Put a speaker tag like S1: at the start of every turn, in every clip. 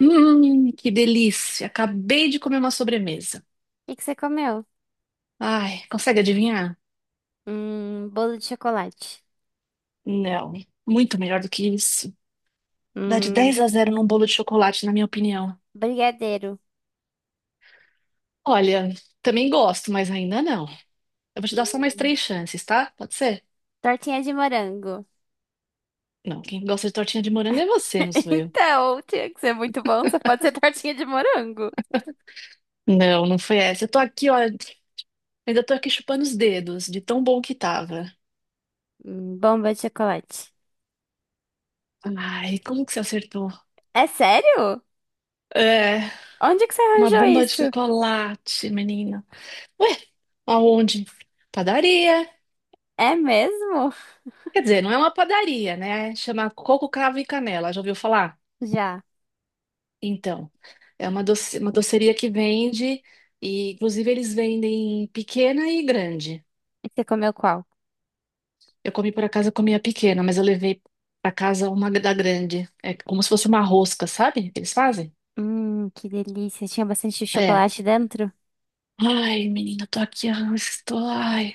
S1: Que delícia! Acabei de comer uma sobremesa.
S2: O que que você comeu?
S1: Ai, consegue adivinhar?
S2: Bolo de chocolate.
S1: Não, muito melhor do que isso. Dá de
S2: Hum,
S1: 10 a 0 num bolo de chocolate, na minha opinião.
S2: brigadeiro.
S1: Olha, também gosto, mas ainda não. Eu vou te dar só mais
S2: Hum,
S1: três chances, tá? Pode ser?
S2: tortinha de morango.
S1: Não, quem gosta de tortinha de morango é você, não sou eu.
S2: Então, tinha que ser muito bom, só pode ser tortinha de morango.
S1: Não, não foi essa. Eu tô aqui, olha, ainda tô aqui chupando os dedos de tão bom que tava.
S2: Bomba de chocolate.
S1: Ai, como que você acertou?
S2: É sério?
S1: É,
S2: Onde que você
S1: uma
S2: arranjou
S1: bomba de
S2: isso?
S1: chocolate, menina. Ué, aonde? Padaria.
S2: É mesmo?
S1: Quer dizer, não é uma padaria, né? Chama Coco, Cravo e Canela. Já ouviu falar?
S2: Já.
S1: Então, é uma doce, uma doceria que vende e, inclusive, eles vendem pequena e grande.
S2: E você comeu qual?
S1: Eu comi por acaso, eu comi a pequena, mas eu levei pra casa uma da grande. É como se fosse uma rosca, sabe? Que eles fazem?
S2: Que delícia. Tinha bastante
S1: É.
S2: chocolate dentro?
S1: Ai, menina, tô aqui, ah, estou. Ai.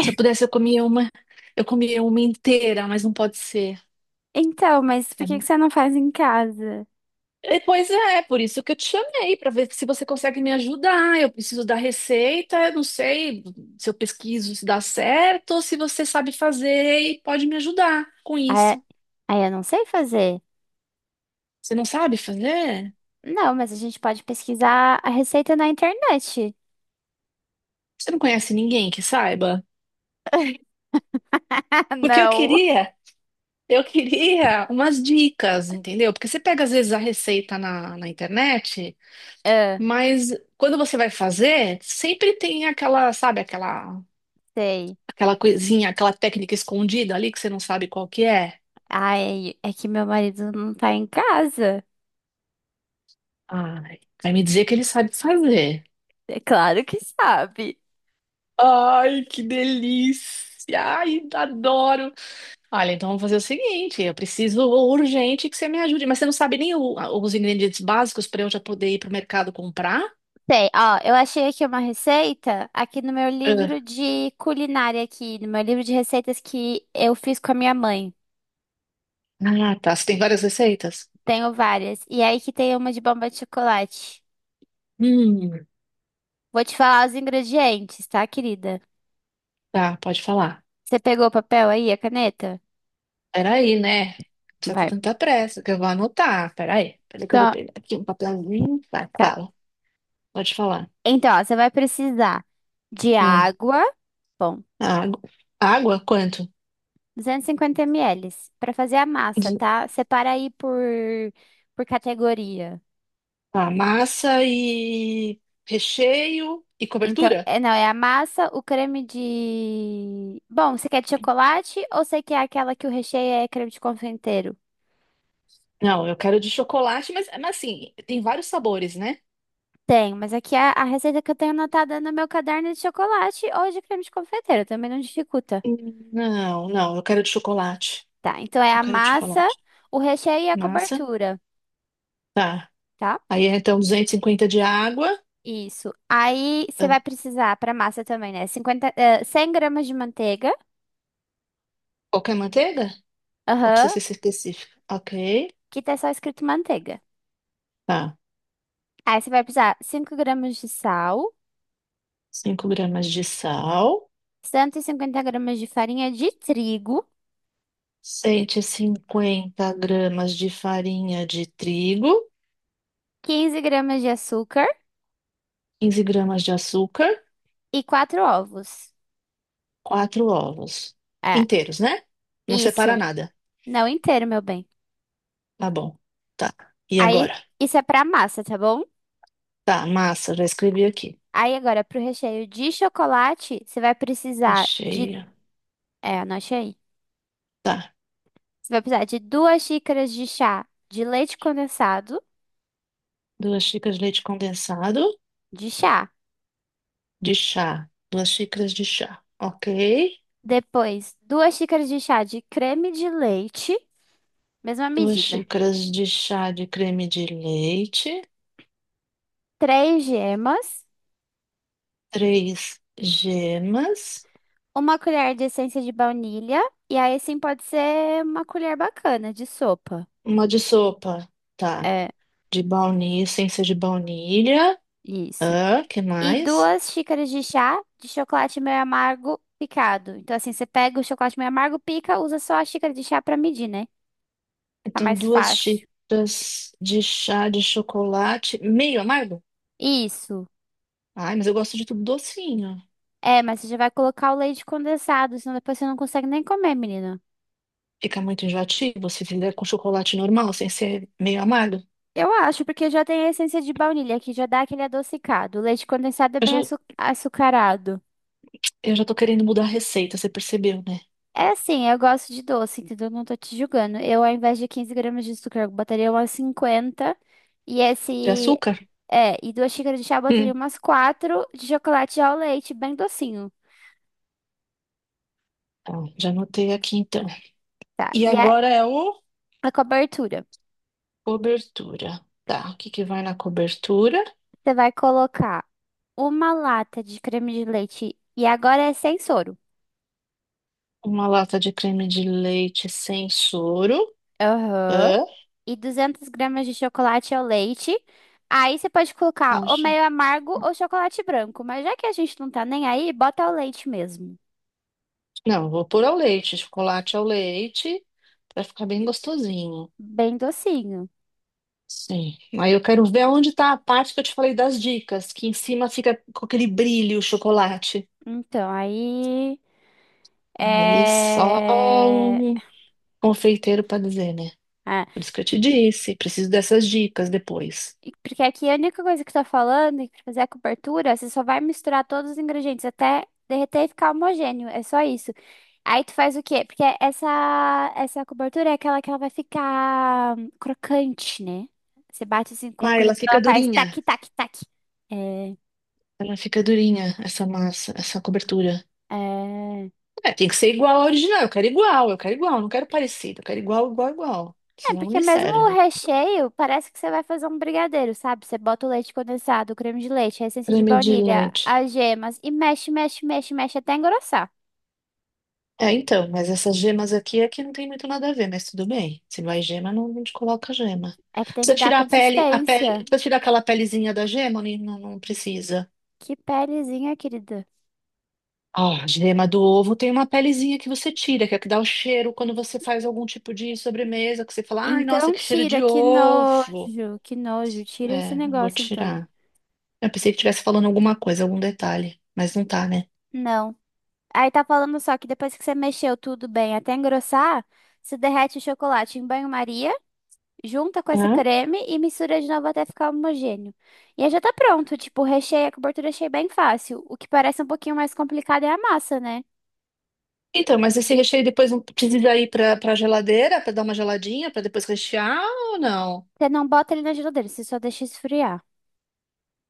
S1: Se eu pudesse, eu comia uma. Eu comia uma inteira, mas não pode ser.
S2: Então, mas por
S1: É
S2: que que você não faz em casa?
S1: Pois é, por isso que eu te chamei, para ver se você consegue me ajudar. Eu preciso da receita, eu não sei se eu pesquiso se dá certo ou se você sabe fazer e pode me ajudar com
S2: Ah,
S1: isso.
S2: eu não sei fazer.
S1: Você não sabe fazer?
S2: Não, mas a gente pode pesquisar a receita na internet.
S1: Você não conhece ninguém que saiba? Porque
S2: Não.
S1: eu queria umas dicas, entendeu? Porque você pega às vezes a receita na internet,
S2: Ah,
S1: mas quando você vai fazer, sempre tem aquela, sabe, aquela,
S2: sei.
S1: aquela coisinha, aquela técnica escondida ali que você não sabe qual que é.
S2: Ai, é que meu marido não tá em casa.
S1: Ai, vai me dizer que ele sabe fazer.
S2: É claro que sabe.
S1: Ai, que delícia! Ai, adoro! Olha, então vamos fazer o seguinte: eu preciso urgente que você me ajude, mas você não sabe nem os ingredientes básicos para eu já poder ir para o mercado comprar?
S2: Sei, ó, eu achei aqui uma receita aqui no meu
S1: Ah,
S2: livro de culinária aqui, no meu livro de receitas que eu fiz com a minha mãe.
S1: ah, tá. Você tem várias receitas?
S2: Tenho várias. E é aí que tem uma de bomba de chocolate.
S1: Hum,
S2: Vou te falar os ingredientes, tá, querida?
S1: tá, pode falar.
S2: Você pegou o papel aí, a caneta?
S1: Peraí, né? Não precisa ter
S2: Vai.
S1: tanta pressa, que eu vou anotar. Peraí, peraí que eu vou
S2: Tá.
S1: pegar aqui um papelzinho. Vai,
S2: Tá.
S1: fala. Pode falar.
S2: Então, ó, você vai precisar de
S1: Ah,
S2: água, bom,
S1: água. Água? Quanto?
S2: 250 mililitros para fazer a massa, tá? Separa aí por categoria.
S1: Tá, massa e recheio e
S2: Então,
S1: cobertura?
S2: é, não, é a massa, o creme de... Bom, você quer de chocolate ou você quer aquela que o recheio é creme de confeiteiro?
S1: Não, eu quero de chocolate, mas assim, tem vários sabores, né?
S2: Tem, mas aqui a receita que eu tenho anotada no meu caderno é de chocolate ou de creme de confeiteiro, também não dificulta.
S1: Não, não, eu quero de chocolate.
S2: Tá, então é
S1: Eu
S2: a
S1: quero de
S2: massa,
S1: chocolate.
S2: o recheio e a
S1: Massa.
S2: cobertura.
S1: Tá.
S2: Tá?
S1: Aí é, então 250 de água.
S2: Isso. Aí você
S1: Ah,
S2: vai precisar para massa também, né? 100 gramas de manteiga.
S1: qualquer manteiga? Ou
S2: Aham.
S1: precisa ser específica? Ok.
S2: Que tá só escrito manteiga.
S1: Tá.
S2: Aí você vai precisar 5 gramas de sal,
S1: 5 gramas de sal.
S2: 150 gramas de farinha de trigo,
S1: 150 gramas de farinha de trigo.
S2: 15 gramas de açúcar
S1: 15 gramas de açúcar.
S2: e 4 ovos.
S1: Quatro ovos
S2: É,
S1: inteiros, né? Não separa
S2: isso.
S1: nada.
S2: Não inteiro, meu bem.
S1: Tá bom. Tá. E
S2: Aí
S1: agora?
S2: isso é pra massa, tá bom?
S1: Tá, massa, já escrevi aqui.
S2: Aí agora pro recheio de chocolate, você vai precisar de,
S1: Recheia.
S2: é, anote aí.
S1: Tá.
S2: Você vai precisar de duas xícaras de chá de leite condensado
S1: Duas xícaras de leite condensado
S2: de chá.
S1: de chá. Duas xícaras de chá. Ok.
S2: Depois, duas xícaras de chá de creme de leite, mesma
S1: Duas
S2: medida.
S1: xícaras de chá de creme de leite.
S2: Três gemas,
S1: Três gemas.
S2: uma colher de essência de baunilha, e aí sim pode ser uma colher bacana de sopa.
S1: Uma de sopa. Tá.
S2: É,
S1: De baunilha, sem ser de baunilha.
S2: isso.
S1: Ah, que
S2: E
S1: mais?
S2: duas xícaras de chá de chocolate meio amargo picado. Então, assim, você pega o chocolate meio amargo, pica, usa só a xícara de chá pra medir, né? Tá
S1: Então,
S2: mais
S1: duas
S2: fácil.
S1: xícaras de chá de chocolate, meio amargo?
S2: Isso.
S1: Ai, mas eu gosto de tudo docinho.
S2: É, mas você já vai colocar o leite condensado, senão depois você não consegue nem comer, menina.
S1: Fica muito enjoativo se fizer com chocolate normal, sem ser meio amargo.
S2: Eu acho, porque já tem a essência de baunilha, que já dá aquele adocicado. O leite condensado é
S1: Eu
S2: bem
S1: já,
S2: açucarado.
S1: eu já tô querendo mudar a receita, você percebeu, né?
S2: É assim, eu gosto de doce, entendeu? Não tô te julgando. Eu, ao invés de 15 gramas de açúcar, eu botaria umas 50. E
S1: De
S2: esse.
S1: açúcar?
S2: É, e duas xícaras de chá, eu botaria
S1: Hum.
S2: umas quatro de chocolate ao leite, bem docinho.
S1: Tá, já anotei aqui então.
S2: Tá.
S1: E
S2: E a,
S1: agora é o
S2: a cobertura.
S1: cobertura. Tá, o que que vai na cobertura?
S2: Você vai colocar uma lata de creme de leite. E agora é sem soro.
S1: Uma lata de creme de leite sem soro.
S2: Aham.
S1: Hã?
S2: E 200 gramas de chocolate ao leite. Aí você pode colocar
S1: Ah,
S2: ou meio amargo ou chocolate branco. Mas já que a gente não tá nem aí, bota o leite mesmo.
S1: não, vou pôr ao leite, chocolate ao leite, vai ficar bem gostosinho.
S2: Bem docinho.
S1: Sim. Aí eu quero ver onde tá a parte que eu te falei das dicas, que em cima fica com aquele brilho o chocolate.
S2: Então, aí.
S1: Aí só
S2: É.
S1: um confeiteiro para dizer, né?
S2: Ah,
S1: Por isso que eu te disse, preciso dessas dicas depois.
S2: porque aqui a única coisa que tá falando é que pra fazer a cobertura, você só vai misturar todos os ingredientes até derreter e ficar homogêneo. É só isso. Aí tu faz o quê? Porque essa cobertura é aquela que ela vai ficar crocante, né? Você bate assim com a
S1: Ah,
S2: colher,
S1: ela fica
S2: ela faz
S1: durinha.
S2: tac, tac, tac. É,
S1: Ela fica durinha, essa massa, essa cobertura.
S2: é.
S1: É, tem que ser igual ao original. Eu quero igual, não quero parecido. Eu quero igual, igual, igual.
S2: É,
S1: Senão não
S2: porque
S1: me
S2: mesmo o
S1: serve.
S2: recheio, parece que você vai fazer um brigadeiro, sabe? Você bota o leite condensado, o creme de leite, a essência de
S1: Creme de
S2: baunilha,
S1: leite.
S2: as gemas e mexe, mexe, mexe, mexe até engrossar.
S1: É, então, mas essas gemas aqui é que não tem muito nada a ver, mas tudo bem. Se não é gema, não, não te coloca gema.
S2: É que tem
S1: Precisa
S2: que dar
S1: tirar a pele,
S2: consistência.
S1: precisa tirar aquela pelezinha da gema, ou não, não precisa.
S2: Que pelezinha, querida.
S1: Ah, a gema do ovo tem uma pelezinha que você tira, que é a que dá o cheiro quando você faz algum tipo de sobremesa, que você fala, ai, nossa,
S2: Então
S1: que cheiro de
S2: tira, que
S1: ovo.
S2: nojo, que nojo. Tira esse
S1: É, vou
S2: negócio, então.
S1: tirar. Eu pensei que estivesse falando alguma coisa, algum detalhe, mas não tá, né?
S2: Não. Aí tá falando só que depois que você mexeu tudo bem até engrossar, você derrete o chocolate em banho-maria, junta com esse
S1: Hã?
S2: creme e mistura de novo até ficar homogêneo. E aí já tá pronto, tipo, recheio, a cobertura eu achei bem fácil. O que parece um pouquinho mais complicado é a massa, né?
S1: Então, mas esse recheio depois não precisa ir para geladeira para dar uma geladinha para depois rechear ou não?
S2: Você não bota ele na geladeira, você só deixa esfriar.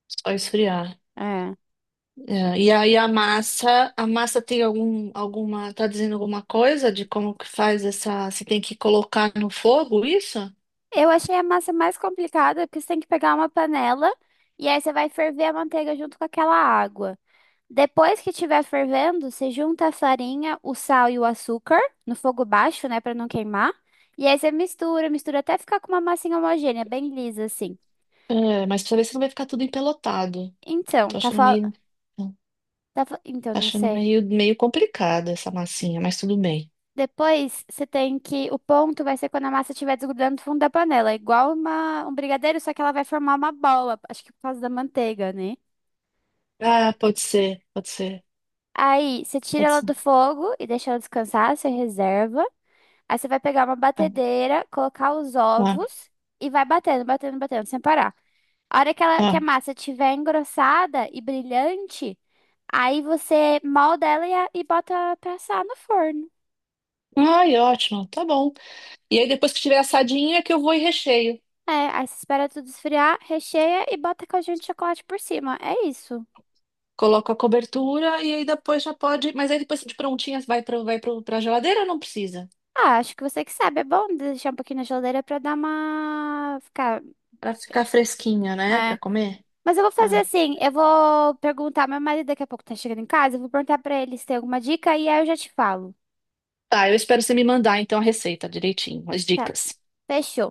S1: Só esfriar.
S2: É.
S1: É, e aí a massa tem algum, alguma, tá dizendo alguma coisa de como que faz essa, você tem que colocar no fogo isso?
S2: Eu achei a massa mais complicada porque você tem que pegar uma panela e aí você vai ferver a manteiga junto com aquela água. Depois que estiver fervendo, você junta a farinha, o sal e o açúcar no fogo baixo, né, para não queimar. E aí você mistura, mistura até ficar com uma massinha homogênea, bem lisa assim.
S1: É, mas precisa ver se não vai ficar tudo empelotado.
S2: Então,
S1: Tô
S2: tá,
S1: achando meio, tô
S2: então não
S1: achando
S2: sei.
S1: meio, meio complicada essa massinha, mas tudo bem.
S2: Depois você tem que o ponto vai ser quando a massa estiver desgrudando do fundo da panela, igual uma um brigadeiro, só que ela vai formar uma bola, acho que por causa da manteiga, né?
S1: Ah, pode ser, pode ser,
S2: Aí você tira
S1: pode
S2: ela
S1: ser.
S2: do fogo e deixa ela descansar, você reserva. Aí você vai pegar uma
S1: Ah,
S2: batedeira, colocar os
S1: ah,
S2: ovos e vai batendo, batendo, batendo, sem parar. A hora que a
S1: ah.
S2: massa estiver engrossada e brilhante, aí você molda ela e bota pra assar no forno.
S1: Ai, ótimo, tá bom. E aí depois que tiver assadinha é que eu vou e recheio.
S2: É, aí você espera tudo esfriar, recheia e bota caldinho de chocolate por cima. É isso.
S1: Coloco a cobertura e aí depois já pode. Mas aí depois de prontinha vai para geladeira ou não precisa?
S2: Ah, acho que você que sabe. É bom deixar um pouquinho na geladeira pra dar uma... Ficar...
S1: Para ficar fresquinha,
S2: É.
S1: né? Para
S2: É.
S1: comer?
S2: Mas eu vou fazer
S1: Ah.
S2: assim, eu vou perguntar, meu marido daqui a pouco tá chegando em casa, eu vou perguntar pra ele se tem alguma dica e aí eu já te falo.
S1: Tá, eu espero você me mandar então a receita direitinho, as
S2: Tá,
S1: dicas.
S2: fechou.